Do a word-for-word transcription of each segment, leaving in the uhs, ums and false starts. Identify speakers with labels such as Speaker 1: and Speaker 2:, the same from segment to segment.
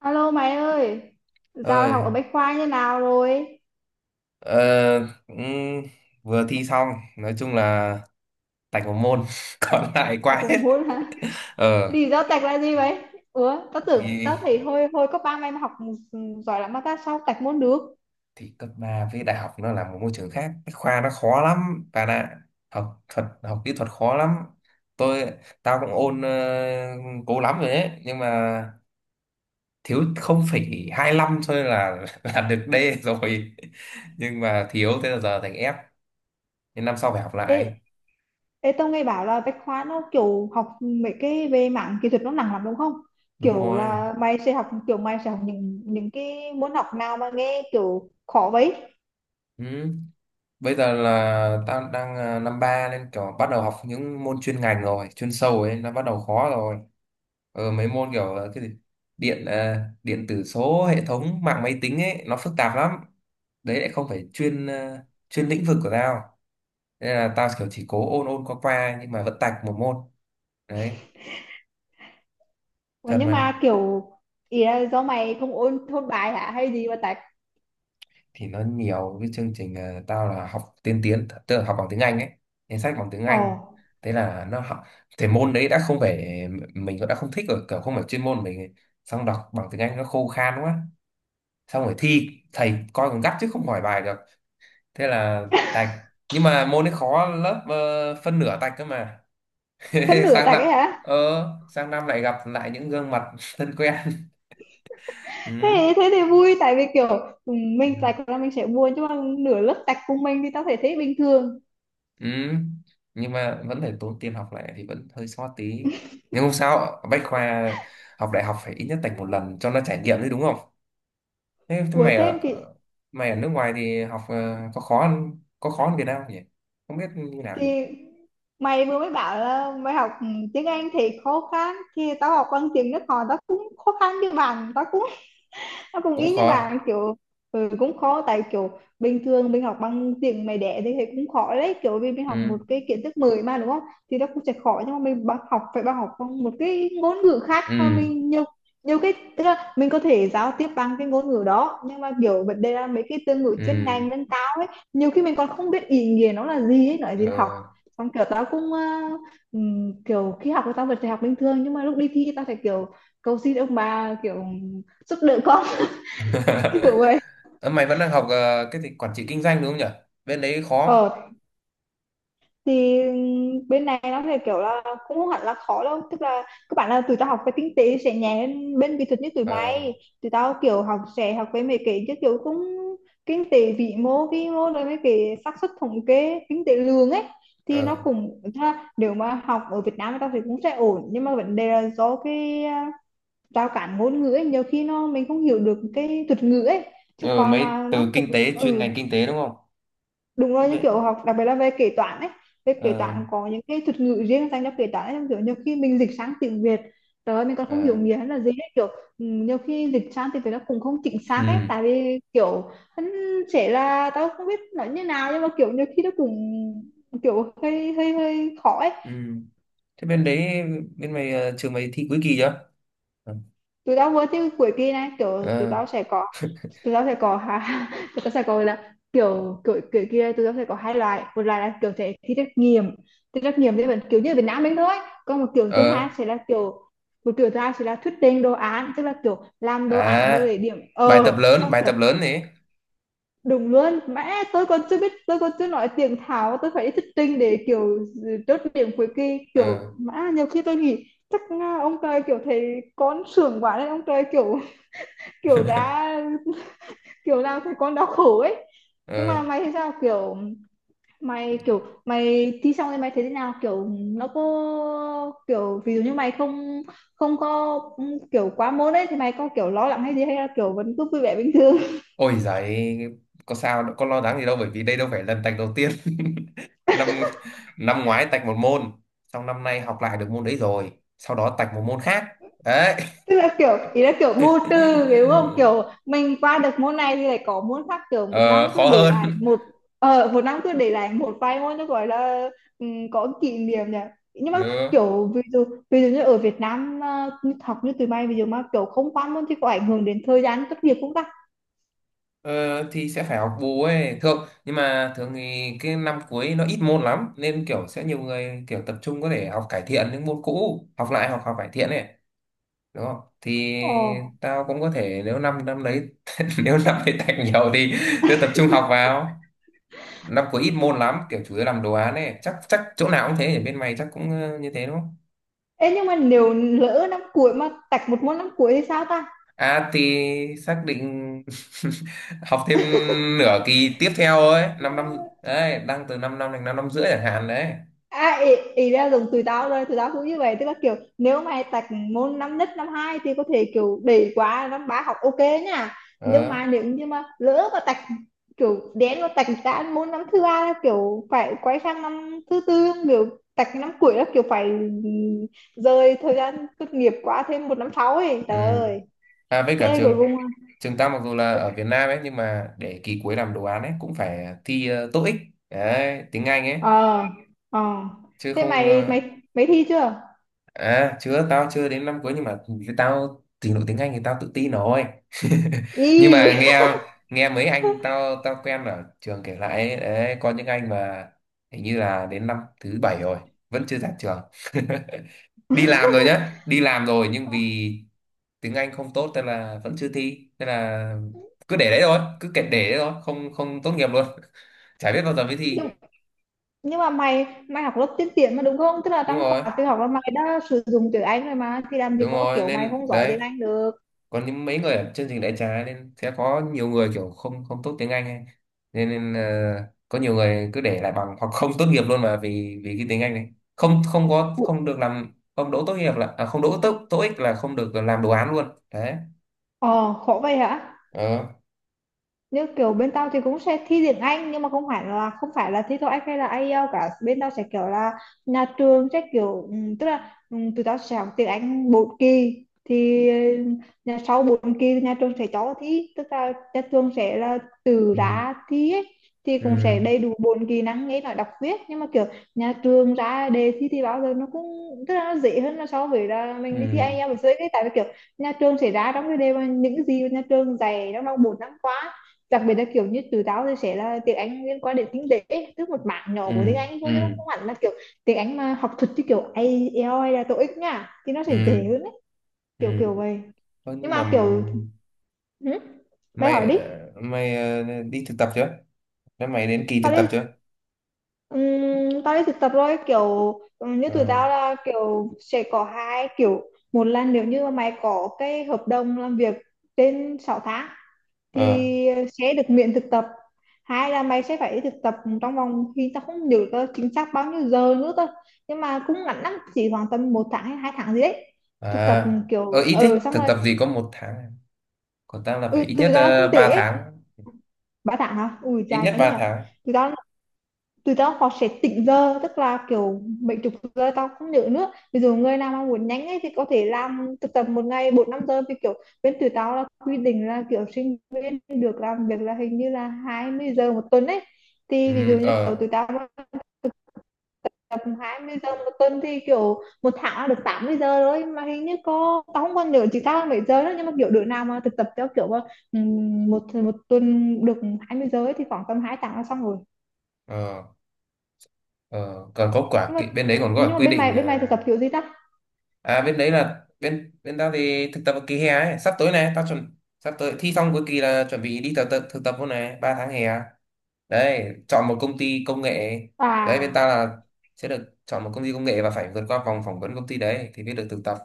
Speaker 1: Alo mày ơi, giao học
Speaker 2: Ơi.
Speaker 1: ở Bách Khoa như nào rồi?
Speaker 2: Ờ, cũng vừa thi xong, nói chung là tạch một môn còn lại
Speaker 1: Tạch
Speaker 2: qua hết.
Speaker 1: còn muốn hả?
Speaker 2: ờ
Speaker 1: Lý do tạch là gì vậy? Ủa, tao tưởng tao
Speaker 2: thì
Speaker 1: thấy hồi hồi cấp ba mày mà học giỏi lắm mà tao sao tạch muốn được?
Speaker 2: thì cấp ba với đại học nó là một môi trường khác, cái khoa nó khó lắm bạn ạ. Học thuật, học kỹ thuật khó lắm. Tôi tao cũng ôn ờ, cố lắm rồi đấy, nhưng mà thiếu không phẩy hai lăm thôi là là được D rồi. Nhưng mà thiếu, thế là giờ thành F, nên năm sau phải học
Speaker 1: Ê,
Speaker 2: lại.
Speaker 1: ê tao nghe bảo là Bách Khoa nó kiểu học mấy cái về mảng kỹ thuật nó nặng lắm đúng không?
Speaker 2: Đúng
Speaker 1: Kiểu
Speaker 2: rồi.
Speaker 1: là mày sẽ học kiểu mày sẽ học những những cái môn học nào mà nghe kiểu khó vậy?
Speaker 2: Ừ. Bây giờ là tao đang à, năm ba nên kiểu bắt đầu học những môn chuyên ngành rồi, chuyên sâu ấy, nó bắt đầu khó rồi. Ờ, mấy môn kiểu à, cái gì điện à, điện tử số, hệ thống mạng máy tính ấy nó phức tạp lắm. Đấy lại không phải chuyên à, chuyên lĩnh vực của tao. Nên là tao kiểu chỉ cố ôn ôn qua qua, nhưng mà vẫn tạch một môn. Đấy,
Speaker 1: Ủa,
Speaker 2: thật
Speaker 1: nhưng
Speaker 2: mà.
Speaker 1: mà kiểu ý là do mày không ôn thôn bài hả hay gì mà tạch?
Speaker 2: Thì nó nhiều cái chương trình, ờ, tao là học tiên tiến tức là học bằng tiếng Anh ấy, nên sách bằng tiếng
Speaker 1: Ồ,
Speaker 2: Anh. Thế là nó học, thì môn đấy đã không phải, mình cũng đã không thích rồi, kiểu không phải chuyên môn mình ấy. Xong đọc bằng tiếng Anh nó khô khan quá. Xong rồi thi thầy coi còn gắt chứ không hỏi bài được. Thế là tạch. Nhưng mà môn ấy khó, lớp ờ, phân nửa tạch cơ mà.
Speaker 1: phân nửa
Speaker 2: sang
Speaker 1: tạch
Speaker 2: năm
Speaker 1: ấy hả?
Speaker 2: ờ sang năm lại gặp lại những gương mặt thân quen.
Speaker 1: Thế thế thì vui tại vì kiểu ừ,
Speaker 2: Ừ.
Speaker 1: mình tạch là mình sẽ buồn chứ mà nửa lớp tạch cùng mình thì tao thể thấy bình thường.
Speaker 2: Ừ, nhưng mà vẫn phải tốn tiền học lại thì vẫn hơi xót tí. Nhưng không sao, Bách Khoa học đại học phải ít nhất tạch một lần cho nó trải nghiệm đấy, đúng không? Thế, thế
Speaker 1: Ủa
Speaker 2: mày
Speaker 1: thêm
Speaker 2: ở
Speaker 1: thì
Speaker 2: mày ở nước ngoài thì học ờ, có khó hơn- có khó hơn Việt Nam không nhỉ? Không biết như nào nhỉ?
Speaker 1: thì mày vừa mới bảo là mày học ừ, tiếng Anh thì khó khăn thì tao học bằng tiếng nước họ tao cũng khó khăn như bạn tao cũng nó cũng
Speaker 2: Cũng
Speaker 1: ý như
Speaker 2: khó.
Speaker 1: bạn kiểu ừ, cũng khó tại kiểu bình thường mình học bằng tiếng mẹ đẻ thì thấy cũng khó đấy kiểu vì mình học
Speaker 2: Ừ,
Speaker 1: một cái kiến thức mới mà đúng không, thì nó cũng sẽ khó nhưng mà mình bằng học phải bằng học bằng một cái ngôn ngữ khác mà
Speaker 2: ừ,
Speaker 1: mình nhiều nhiều cái tức là mình có thể giao tiếp bằng cái ngôn ngữ đó nhưng mà kiểu vấn đề là mấy cái từ ngữ chuyên
Speaker 2: ừ.
Speaker 1: ngành nâng cao ấy nhiều khi mình còn không biết ý nghĩa nó là gì ấy nói gì học.
Speaker 2: Ờ.
Speaker 1: Xong kiểu tao cũng ờ, ừm, kiểu khi học thì tao vẫn phải học bình thường nhưng mà lúc đi thi tao phải kiểu cầu xin ông bà kiểu giúp đỡ con. Đúng rồi.
Speaker 2: Ờ, mày vẫn đang học ờ, cái gì quản trị kinh doanh đúng không nhỉ? Bên đấy khó.
Speaker 1: Ờ thì bên này nó thì kiểu là cũng không hẳn là khó đâu tức là các bạn là tụi tao học cái kinh tế sẽ nhẹ hơn bên kỹ thuật như tụi
Speaker 2: Ờ,
Speaker 1: mày, tụi tao kiểu học sẽ học về mấy cái chứ kiểu cũng kinh tế vĩ mô vi mô rồi mấy cái xác suất thống kê kinh tế lương ấy thì nó
Speaker 2: ờ.
Speaker 1: cũng tức là nếu mà học ở Việt Nam tao thì cũng sẽ ổn nhưng mà vấn đề là do cái à, rào cản ngôn ngữ ấy nhiều khi nó mình không hiểu được cái thuật ngữ ấy chứ
Speaker 2: Ờ,
Speaker 1: còn mà
Speaker 2: mấy
Speaker 1: nó
Speaker 2: từ
Speaker 1: cũng
Speaker 2: kinh tế chuyên
Speaker 1: ừ
Speaker 2: ngành kinh tế đúng không?
Speaker 1: đúng rồi những kiểu
Speaker 2: Bên,
Speaker 1: học đặc biệt là về kế toán ấy. Về kế
Speaker 2: ờ,
Speaker 1: toán có những cái thuật ngữ riêng dành cho kế toán ấy kiểu nhiều khi mình dịch sang tiếng Việt trời ơi, mình còn không hiểu
Speaker 2: ờ.
Speaker 1: nghĩa là gì ấy. Kiểu ừ, nhiều khi dịch sang tiếng Việt nó cũng không chính xác ấy
Speaker 2: Ừ.
Speaker 1: tại vì kiểu hắn sẽ là tao không biết nói như nào nhưng mà kiểu nhiều khi nó cũng kiểu hơi hơi hơi khó ấy.
Speaker 2: Ừ. Thế bên đấy, bên mày ờ, trường mày thi cuối kỳ chưa? Ừ.
Speaker 1: Tụi tao vừa tới cuối kỳ này kiểu tụi
Speaker 2: Ờ,
Speaker 1: tao sẽ có tụi tao sẽ có ha tụi tao sẽ có là kiểu kiểu kiểu kia tụi tao sẽ có hai loại, một loại là kiểu sẽ thi trắc nghiệm, thi trắc nghiệm thì vẫn kiểu như ở Việt Nam mình thôi, còn một kiểu thứ hai
Speaker 2: ờ,
Speaker 1: sẽ là kiểu một kiểu thứ hai sẽ là thuyết trình đồ án tức là kiểu làm đồ án rồi
Speaker 2: à.
Speaker 1: để điểm
Speaker 2: Bài tập
Speaker 1: ờ
Speaker 2: lớn,
Speaker 1: sau
Speaker 2: bài
Speaker 1: kiểu
Speaker 2: tập lớn này.
Speaker 1: đúng luôn mẹ tôi còn chưa biết tôi còn chưa nói tiếng Tháo tôi phải đi thuyết trình để kiểu chốt điểm cuối kỳ kiểu
Speaker 2: Ờ.
Speaker 1: mã nhiều khi tôi nghĩ chắc à, ông trời kiểu thấy con sướng quá đấy ông trời kiểu kiểu đã kiểu nào thấy con đau khổ ấy. Nhưng mà
Speaker 2: Ờ.
Speaker 1: mày thì sao kiểu mày kiểu mày thi xong thì mày thấy thế nào kiểu nó có kiểu ví dụ như mày không không có ừ, kiểu quá môn ấy thì mày có kiểu lo lắng hay gì hay là kiểu vẫn cứ vui vẻ bình thường.
Speaker 2: Ôi giời, có sao đâu, có lo lắng gì đâu, bởi vì đây đâu phải lần tạch đầu tiên. năm năm ngoái tạch một môn, xong năm nay học lại được môn đấy rồi, sau đó tạch một môn khác. Đấy.
Speaker 1: Tức là kiểu ý là kiểu vô tư đúng không kiểu mình qua được môn này thì lại có môn khác kiểu một
Speaker 2: Ờ
Speaker 1: năm cứ
Speaker 2: khó
Speaker 1: để lại
Speaker 2: hơn.
Speaker 1: một ờ một năm cứ để lại một vài môn nó gọi là ừm, có kỷ niệm nhỉ. Nhưng mà
Speaker 2: Ừ.
Speaker 1: kiểu ví dụ ví dụ như ở Việt Nam à, như học như tụi bay ví dụ mà kiểu không qua môn thì có ảnh hưởng đến thời gian tốt nghiệp không ta?
Speaker 2: Ờ, thì sẽ phải học bù ấy thường, nhưng mà thường thì cái năm cuối nó ít môn lắm nên kiểu sẽ nhiều người kiểu tập trung có thể học cải thiện những môn cũ, học lại, học học cải thiện ấy, đúng không, thì
Speaker 1: Ồ.
Speaker 2: tao cũng có thể, nếu năm năm đấy nếu năm đấy tạch nhiều thì sẽ tập trung học vào. Năm cuối ít môn lắm, kiểu chủ yếu làm đồ án ấy, chắc chắc chỗ nào cũng thế, ở bên mày chắc cũng ờ, như thế đúng không.
Speaker 1: Ê nhưng mà nếu lỡ năm cuối mà tạch một môn năm cuối thì sao
Speaker 2: À thì xác định học thêm nửa kỳ tiếp theo ấy, 5 năm, năm
Speaker 1: ta?
Speaker 2: đấy đang từ 5 năm đến 5 năm rưỡi chẳng hạn đấy.
Speaker 1: À, ý, ý là dùng tụi tao rồi tụi tao cũng như vậy tức là kiểu nếu mày tạch môn năm nhất năm hai thì có thể kiểu để qua năm ba học ok nha. Nhưng
Speaker 2: Ờ.
Speaker 1: mà nếu như mà lỡ mà tạch kiểu đến mà tạch ra môn năm thứ ba là kiểu phải quay sang năm thứ tư kiểu tạch năm cuối là kiểu phải rời thời gian tốt nghiệp qua thêm một năm sau ấy
Speaker 2: Ừ.
Speaker 1: trời ơi.
Speaker 2: À với cả
Speaker 1: Thế cuối
Speaker 2: trường
Speaker 1: cùng
Speaker 2: trường ta mặc dù là ở Việt Nam ấy, nhưng mà để kỳ cuối làm đồ án ấy cũng phải thi uh, TOEIC, đấy tiếng Anh ấy,
Speaker 1: ờ ờ
Speaker 2: chứ
Speaker 1: thế
Speaker 2: không
Speaker 1: mày
Speaker 2: ờ,
Speaker 1: mày mày thi chưa?
Speaker 2: à chưa, tao chưa đến năm cuối, nhưng mà tao trình độ tiếng Anh thì tao tự tin rồi. Nhưng mà
Speaker 1: Y
Speaker 2: nghe nghe mấy anh tao tao quen ở trường kể lại ấy, đấy, có những anh mà hình như là đến năm thứ bảy rồi vẫn chưa ra trường. Đi làm rồi nhá, đi làm rồi, nhưng vì tiếng Anh không tốt nên là vẫn chưa thi, nên là cứ để đấy thôi, cứ kệ để đấy thôi, không không tốt nghiệp luôn. Chả biết bao giờ mới thi.
Speaker 1: nhưng mà mày mày học lớp tiên tiến mà đúng không tức là
Speaker 2: Đúng
Speaker 1: trong
Speaker 2: rồi,
Speaker 1: khóa tự học là mày đã sử dụng tiếng Anh rồi mà thì làm gì
Speaker 2: đúng
Speaker 1: có
Speaker 2: rồi,
Speaker 1: kiểu mày
Speaker 2: nên
Speaker 1: không giỏi
Speaker 2: đấy
Speaker 1: tiếng Anh được.
Speaker 2: còn những mấy người ở chương trình đại trà nên sẽ có nhiều người kiểu không không tốt tiếng Anh ấy. nên, nên ờ, có nhiều người cứ để lại bằng hoặc không tốt nghiệp luôn mà vì vì cái tiếng Anh này không không có,
Speaker 1: Ủa,
Speaker 2: không được làm, không đỗ tốt nghiệp là à, không đỗ tốt tốt ích, là không được làm đồ án luôn đấy.
Speaker 1: ờ khổ vậy hả?
Speaker 2: Ờ.
Speaker 1: Như kiểu bên tao thì cũng sẽ thi tiếng Anh nhưng mà không phải là không phải là thi toeic hay là ai ơ cả, bên tao sẽ kiểu là nhà trường sẽ kiểu ừm, tức là ừm, tụi tao sẽ học tiếng Anh bốn kỳ. Thì ừ, nhà sau bốn kỳ thì nhà trường sẽ cho thi tức là nhà trường sẽ là từ
Speaker 2: Ừ.
Speaker 1: ra thi ấy. Thì cũng
Speaker 2: Ừ.
Speaker 1: sẽ đầy đủ bốn kỹ năng nghe nói đọc viết nhưng mà kiểu nhà trường ra đề thi thì bao giờ nó cũng tức là nó dễ hơn là so với là mình đi thi
Speaker 2: Ừ.
Speaker 1: ai eo với cái tại vì kiểu nhà trường sẽ ra trong cái đề mà những cái gì mà nhà trường dạy trong vòng bốn năm qua, đặc biệt là kiểu như từ tao thì sẽ là tiếng Anh liên quan đến kinh tế tức một mảng nhỏ của tiếng
Speaker 2: Ừ.
Speaker 1: Anh thôi chứ không hẳn là kiểu tiếng Anh mà học thuật như kiểu ai eo hay là tô íc nha thì nó sẽ
Speaker 2: Ừ.
Speaker 1: dễ hơn đấy
Speaker 2: Ừ.
Speaker 1: kiểu kiểu vậy
Speaker 2: Ơ,
Speaker 1: nhưng
Speaker 2: nhưng mà
Speaker 1: mà kiểu hử? Mày hỏi
Speaker 2: mày
Speaker 1: đi.
Speaker 2: ờ, mày ờ, đi thực tập chưa? Thế mày đến kỳ
Speaker 1: Tao
Speaker 2: thực tập
Speaker 1: đi
Speaker 2: chưa?
Speaker 1: ừm, tao đi thực tập rồi kiểu ừm, như tụi
Speaker 2: Ờ,
Speaker 1: tao là kiểu sẽ có hai kiểu, một là nếu như mà mày có cái hợp đồng làm việc trên sáu tháng
Speaker 2: ờ,
Speaker 1: thì ờ, sẽ được miễn thực tập, hai là mày sẽ phải thực tập trong vòng khi tao không nhớ tao chính xác bao nhiêu giờ nữa thôi nhưng mà cũng ngắn lắm chỉ khoảng tầm một tháng hay hai tháng gì đấy thực tập
Speaker 2: à, ờ,
Speaker 1: kiểu
Speaker 2: ít
Speaker 1: ờ ừ,
Speaker 2: thế
Speaker 1: xong
Speaker 2: thực
Speaker 1: rồi
Speaker 2: tập gì có một tháng à? Còn tao là phải
Speaker 1: ừ
Speaker 2: ít
Speaker 1: từ
Speaker 2: nhất
Speaker 1: đó kinh
Speaker 2: uh, ba
Speaker 1: tế ấy.
Speaker 2: tháng,
Speaker 1: Ba tháng hả ui
Speaker 2: ít
Speaker 1: trời
Speaker 2: nhất
Speaker 1: thế nhỉ
Speaker 2: ba tháng.
Speaker 1: từ đó tụi tao họ sẽ tỉnh giờ tức là kiểu mấy chục giờ tao không nhớ nữa ví dụ người nào mà muốn nhanh ấy thì có thể làm thực tập một ngày bốn năm giờ vì kiểu bên tụi tao là quy định là kiểu sinh viên được làm việc là hình như là hai mươi giờ một tuần ấy.
Speaker 2: Ừ.
Speaker 1: Thì ví dụ như kiểu
Speaker 2: Ờ,
Speaker 1: tụi tao mà tập hai mươi giờ một tuần thì kiểu một tháng là được tám mươi giờ thôi mà hình như có tao không còn nhớ chỉ tao là mấy giờ nữa nhưng mà kiểu đứa nào mà thực tập theo kiểu mà, ừm, một một tuần được hai mươi giờ ấy thì khoảng tầm hai tháng là xong rồi.
Speaker 2: ờ, ờ, còn có quả
Speaker 1: nhưng mà
Speaker 2: kỳ- bên đấy còn có cả
Speaker 1: nhưng mà
Speaker 2: quy
Speaker 1: bên mày
Speaker 2: định ờ,
Speaker 1: bên mày thực tập kiểu gì ta?
Speaker 2: à bên đấy là bên bên tao thì thực tập ở kỳ hè ấy, sắp tới này tao chuẩn, sắp tới thi xong cuối kỳ là chuẩn bị đi thực tập thực tập luôn này, ba tháng hè à? Đấy chọn một công ty công nghệ, đấy bên
Speaker 1: À,
Speaker 2: ta là sẽ được chọn một công ty công nghệ và phải vượt qua vòng phỏng vấn công ty đấy thì mới được thực tập.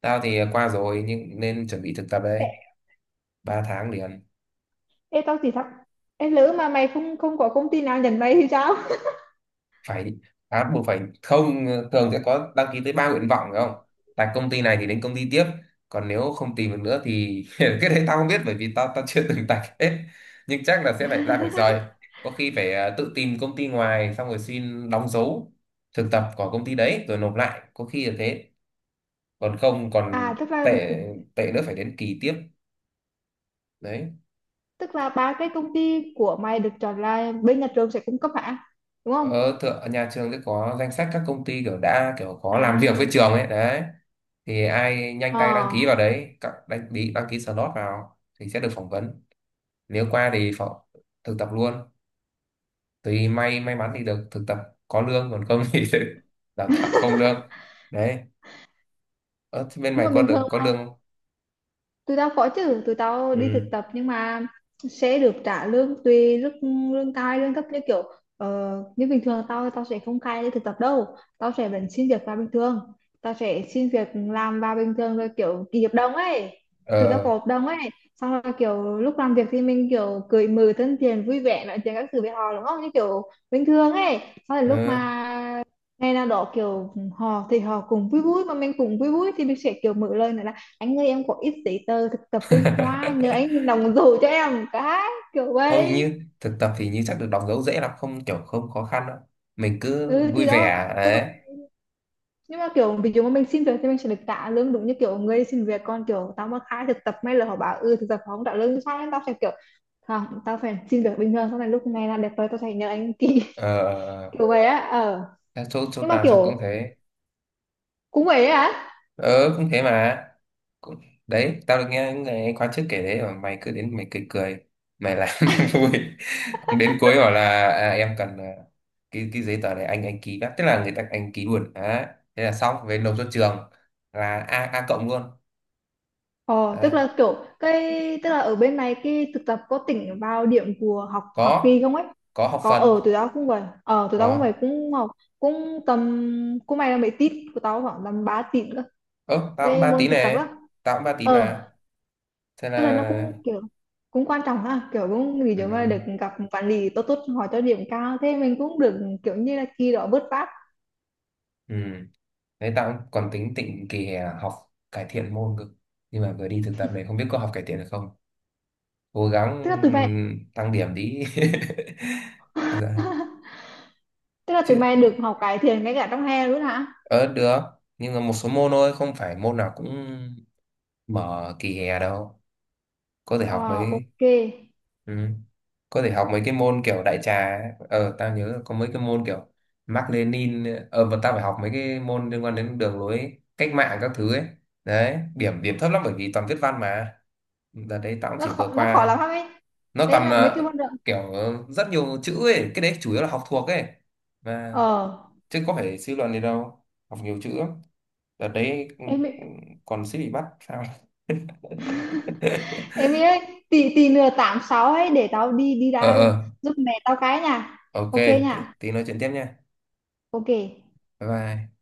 Speaker 2: Tao thì qua rồi nhưng nên chuẩn bị thực tập
Speaker 1: ê,
Speaker 2: đấy, ba tháng liền.
Speaker 1: ê tao thì sao? Ê, lỡ mà mày không không có công ty nào nhận mày thì sao?
Speaker 2: Phải à, buộc phải không, thường sẽ có đăng ký tới ba nguyện vọng phải không, tại công ty này thì đến công ty tiếp, còn nếu không tìm được nữa thì cái đấy tao không biết, bởi vì tao tao chưa từng tạch hết. Nhưng chắc là sẽ phải lại phải rời, có khi phải ờ, tự tìm công ty ngoài xong rồi xin đóng dấu thực tập của công ty đấy rồi nộp lại, có khi là thế. Còn không, còn
Speaker 1: À, tức là
Speaker 2: tệ tệ nữa phải đến kỳ tiếp đấy.
Speaker 1: tức là ba cái công ty của mày được chọn là bên nhà trường sẽ cung cấp hả? Đúng không?
Speaker 2: Ở thượng nhà trường sẽ có danh sách các công ty kiểu đã kiểu có làm việc với
Speaker 1: À,
Speaker 2: trường ấy đấy. Thì ai nhanh tay đăng
Speaker 1: ờ.
Speaker 2: ký vào đấy, các đăng ký đăng ký slot vào thì sẽ được phỏng vấn. Nếu qua thì phỏng, thực tập luôn, tùy may may mắn thì được thực tập, có lương, còn không thì sẽ đào tạo không lương đấy. Ở bên
Speaker 1: Nhưng
Speaker 2: mày
Speaker 1: mà
Speaker 2: có
Speaker 1: bình
Speaker 2: được
Speaker 1: thường
Speaker 2: có lương không?
Speaker 1: tụi tao có chứ, tụi tao đi thực
Speaker 2: Ừ.
Speaker 1: tập nhưng mà sẽ được trả lương tùy lương lương cai lương thấp như kiểu uh, như bình thường tao tao sẽ không cai đi thực tập đâu, tao sẽ vẫn xin việc vào bình thường, tao sẽ xin việc làm vào bình thường rồi kiểu ký hợp đồng ấy tụi tao
Speaker 2: Ờ,
Speaker 1: có hợp đồng ấy. Xong rồi kiểu lúc làm việc thì mình kiểu cười mừng thân thiện vui vẻ nói chuyện các thứ với họ đúng không như kiểu bình thường ấy xong rồi lúc
Speaker 2: ờ.
Speaker 1: mà ngày nào đó kiểu họ thì họ cũng vui vui mà mình cũng vui vui thì mình sẽ kiểu mở lời nói anh ơi em có ít giấy tờ thực tập bên khoa nhờ anh đồng dấu cho em cái kiểu
Speaker 2: Không,
Speaker 1: vậy
Speaker 2: như thực tập thì như chắc được đóng dấu dễ lắm, không kiểu không khó khăn đâu. Mình cứ
Speaker 1: ừ
Speaker 2: vui
Speaker 1: thì đó
Speaker 2: vẻ
Speaker 1: tức là
Speaker 2: đấy.
Speaker 1: nhưng mà kiểu ví dụ mà mình xin việc thì mình sẽ được trả lương đúng như kiểu người xin việc còn kiểu tao mà khai thực tập may là họ bảo ừ thực tập họ không trả lương sao nên tao sẽ kiểu không tao phải xin việc bình thường sau này lúc này là đẹp rồi tao sẽ nhờ anh ký
Speaker 2: Ờ
Speaker 1: kiểu vậy á ờ
Speaker 2: chắc chỗ chỗ
Speaker 1: nhưng mà
Speaker 2: tao chắc cũng
Speaker 1: kiểu
Speaker 2: thế.
Speaker 1: cũng vậy á.
Speaker 2: Ờ cũng thế mà, cũng. Đấy tao được nghe những người khóa trước kể đấy, mà mày cứ đến, mày cười cười, mày làm vui, đến cuối bảo là à, em cần à, cái cái giấy tờ này, anh anh ký đã, tức là người ta anh ký luôn đấy. Thế là xong, về nộp cho trường là a a cộng luôn.
Speaker 1: Ờ, tức
Speaker 2: Đấy.
Speaker 1: là kiểu cái tức là ở bên này cái thực tập có tính vào điểm của học học
Speaker 2: có
Speaker 1: kỳ không ấy?
Speaker 2: có học
Speaker 1: Có
Speaker 2: phần.
Speaker 1: ở tụi tao cũng vậy ờ tụi tao cũng vậy
Speaker 2: Có.
Speaker 1: cũng học cũng tầm cũng may là mấy tít của tao khoảng tầm ba tít cơ
Speaker 2: Ơ tao cũng
Speaker 1: cái
Speaker 2: ba
Speaker 1: môn
Speaker 2: tín
Speaker 1: thực tập á
Speaker 2: này. Tao cũng ba tín mà.
Speaker 1: ờ
Speaker 2: Thế là,
Speaker 1: tức là nó cũng kiểu cũng quan trọng ha kiểu cũng vì chúng mà
Speaker 2: ừ,
Speaker 1: được gặp quản lý tốt tốt hỏi cho điểm cao thế mình cũng được kiểu như là kỳ đó vớt vát
Speaker 2: ừ. Đấy tao cũng còn tính tịnh kỳ hè học cải thiện môn cơ, nhưng mà vừa đi thực tập này không biết có học cải thiện được không, cố gắng.
Speaker 1: tức là tụi mày
Speaker 2: Ừ, tăng điểm tí. Dạ.
Speaker 1: tức là
Speaker 2: Chứ
Speaker 1: tụi mày được học cải thiện ngay cả trong hè luôn hả
Speaker 2: ờ được, nhưng mà một số môn thôi, không phải môn nào cũng mở kỳ hè đâu, có thể
Speaker 1: ờ
Speaker 2: học mấy.
Speaker 1: ok.
Speaker 2: Ừ. Có thể học mấy cái môn kiểu đại trà ấy. ờ tao nhớ là có mấy cái môn kiểu Mác Lênin, ờ và tao phải học mấy cái môn liên quan đến đường lối cách mạng các thứ ấy, đấy, điểm điểm thấp lắm bởi vì toàn viết văn mà. Đợt đấy tao cũng
Speaker 1: Nó
Speaker 2: chỉ vừa
Speaker 1: khó nó khó lắm
Speaker 2: qua.
Speaker 1: ấy
Speaker 2: Nó
Speaker 1: em
Speaker 2: toàn
Speaker 1: nó, mấy
Speaker 2: là
Speaker 1: cái môn đó
Speaker 2: kiểu rất nhiều chữ ấy, cái đấy chủ yếu là học thuộc ấy mà,
Speaker 1: ờ
Speaker 2: chứ có phải suy luận gì đâu. Học nhiều chữ lắm. Đợt đấy, ừ,
Speaker 1: em
Speaker 2: ừ,
Speaker 1: ấy-
Speaker 2: còn suýt bị bắt sao.
Speaker 1: em ấy tí tí nữa tám sáu ấy để tao đi đi
Speaker 2: Ờ,
Speaker 1: ra
Speaker 2: ờ,
Speaker 1: giúp mẹ tao cái nha
Speaker 2: ok,
Speaker 1: ok
Speaker 2: tí
Speaker 1: nha
Speaker 2: tí nói chuyện tiếp nha.
Speaker 1: ok.
Speaker 2: Bye bye.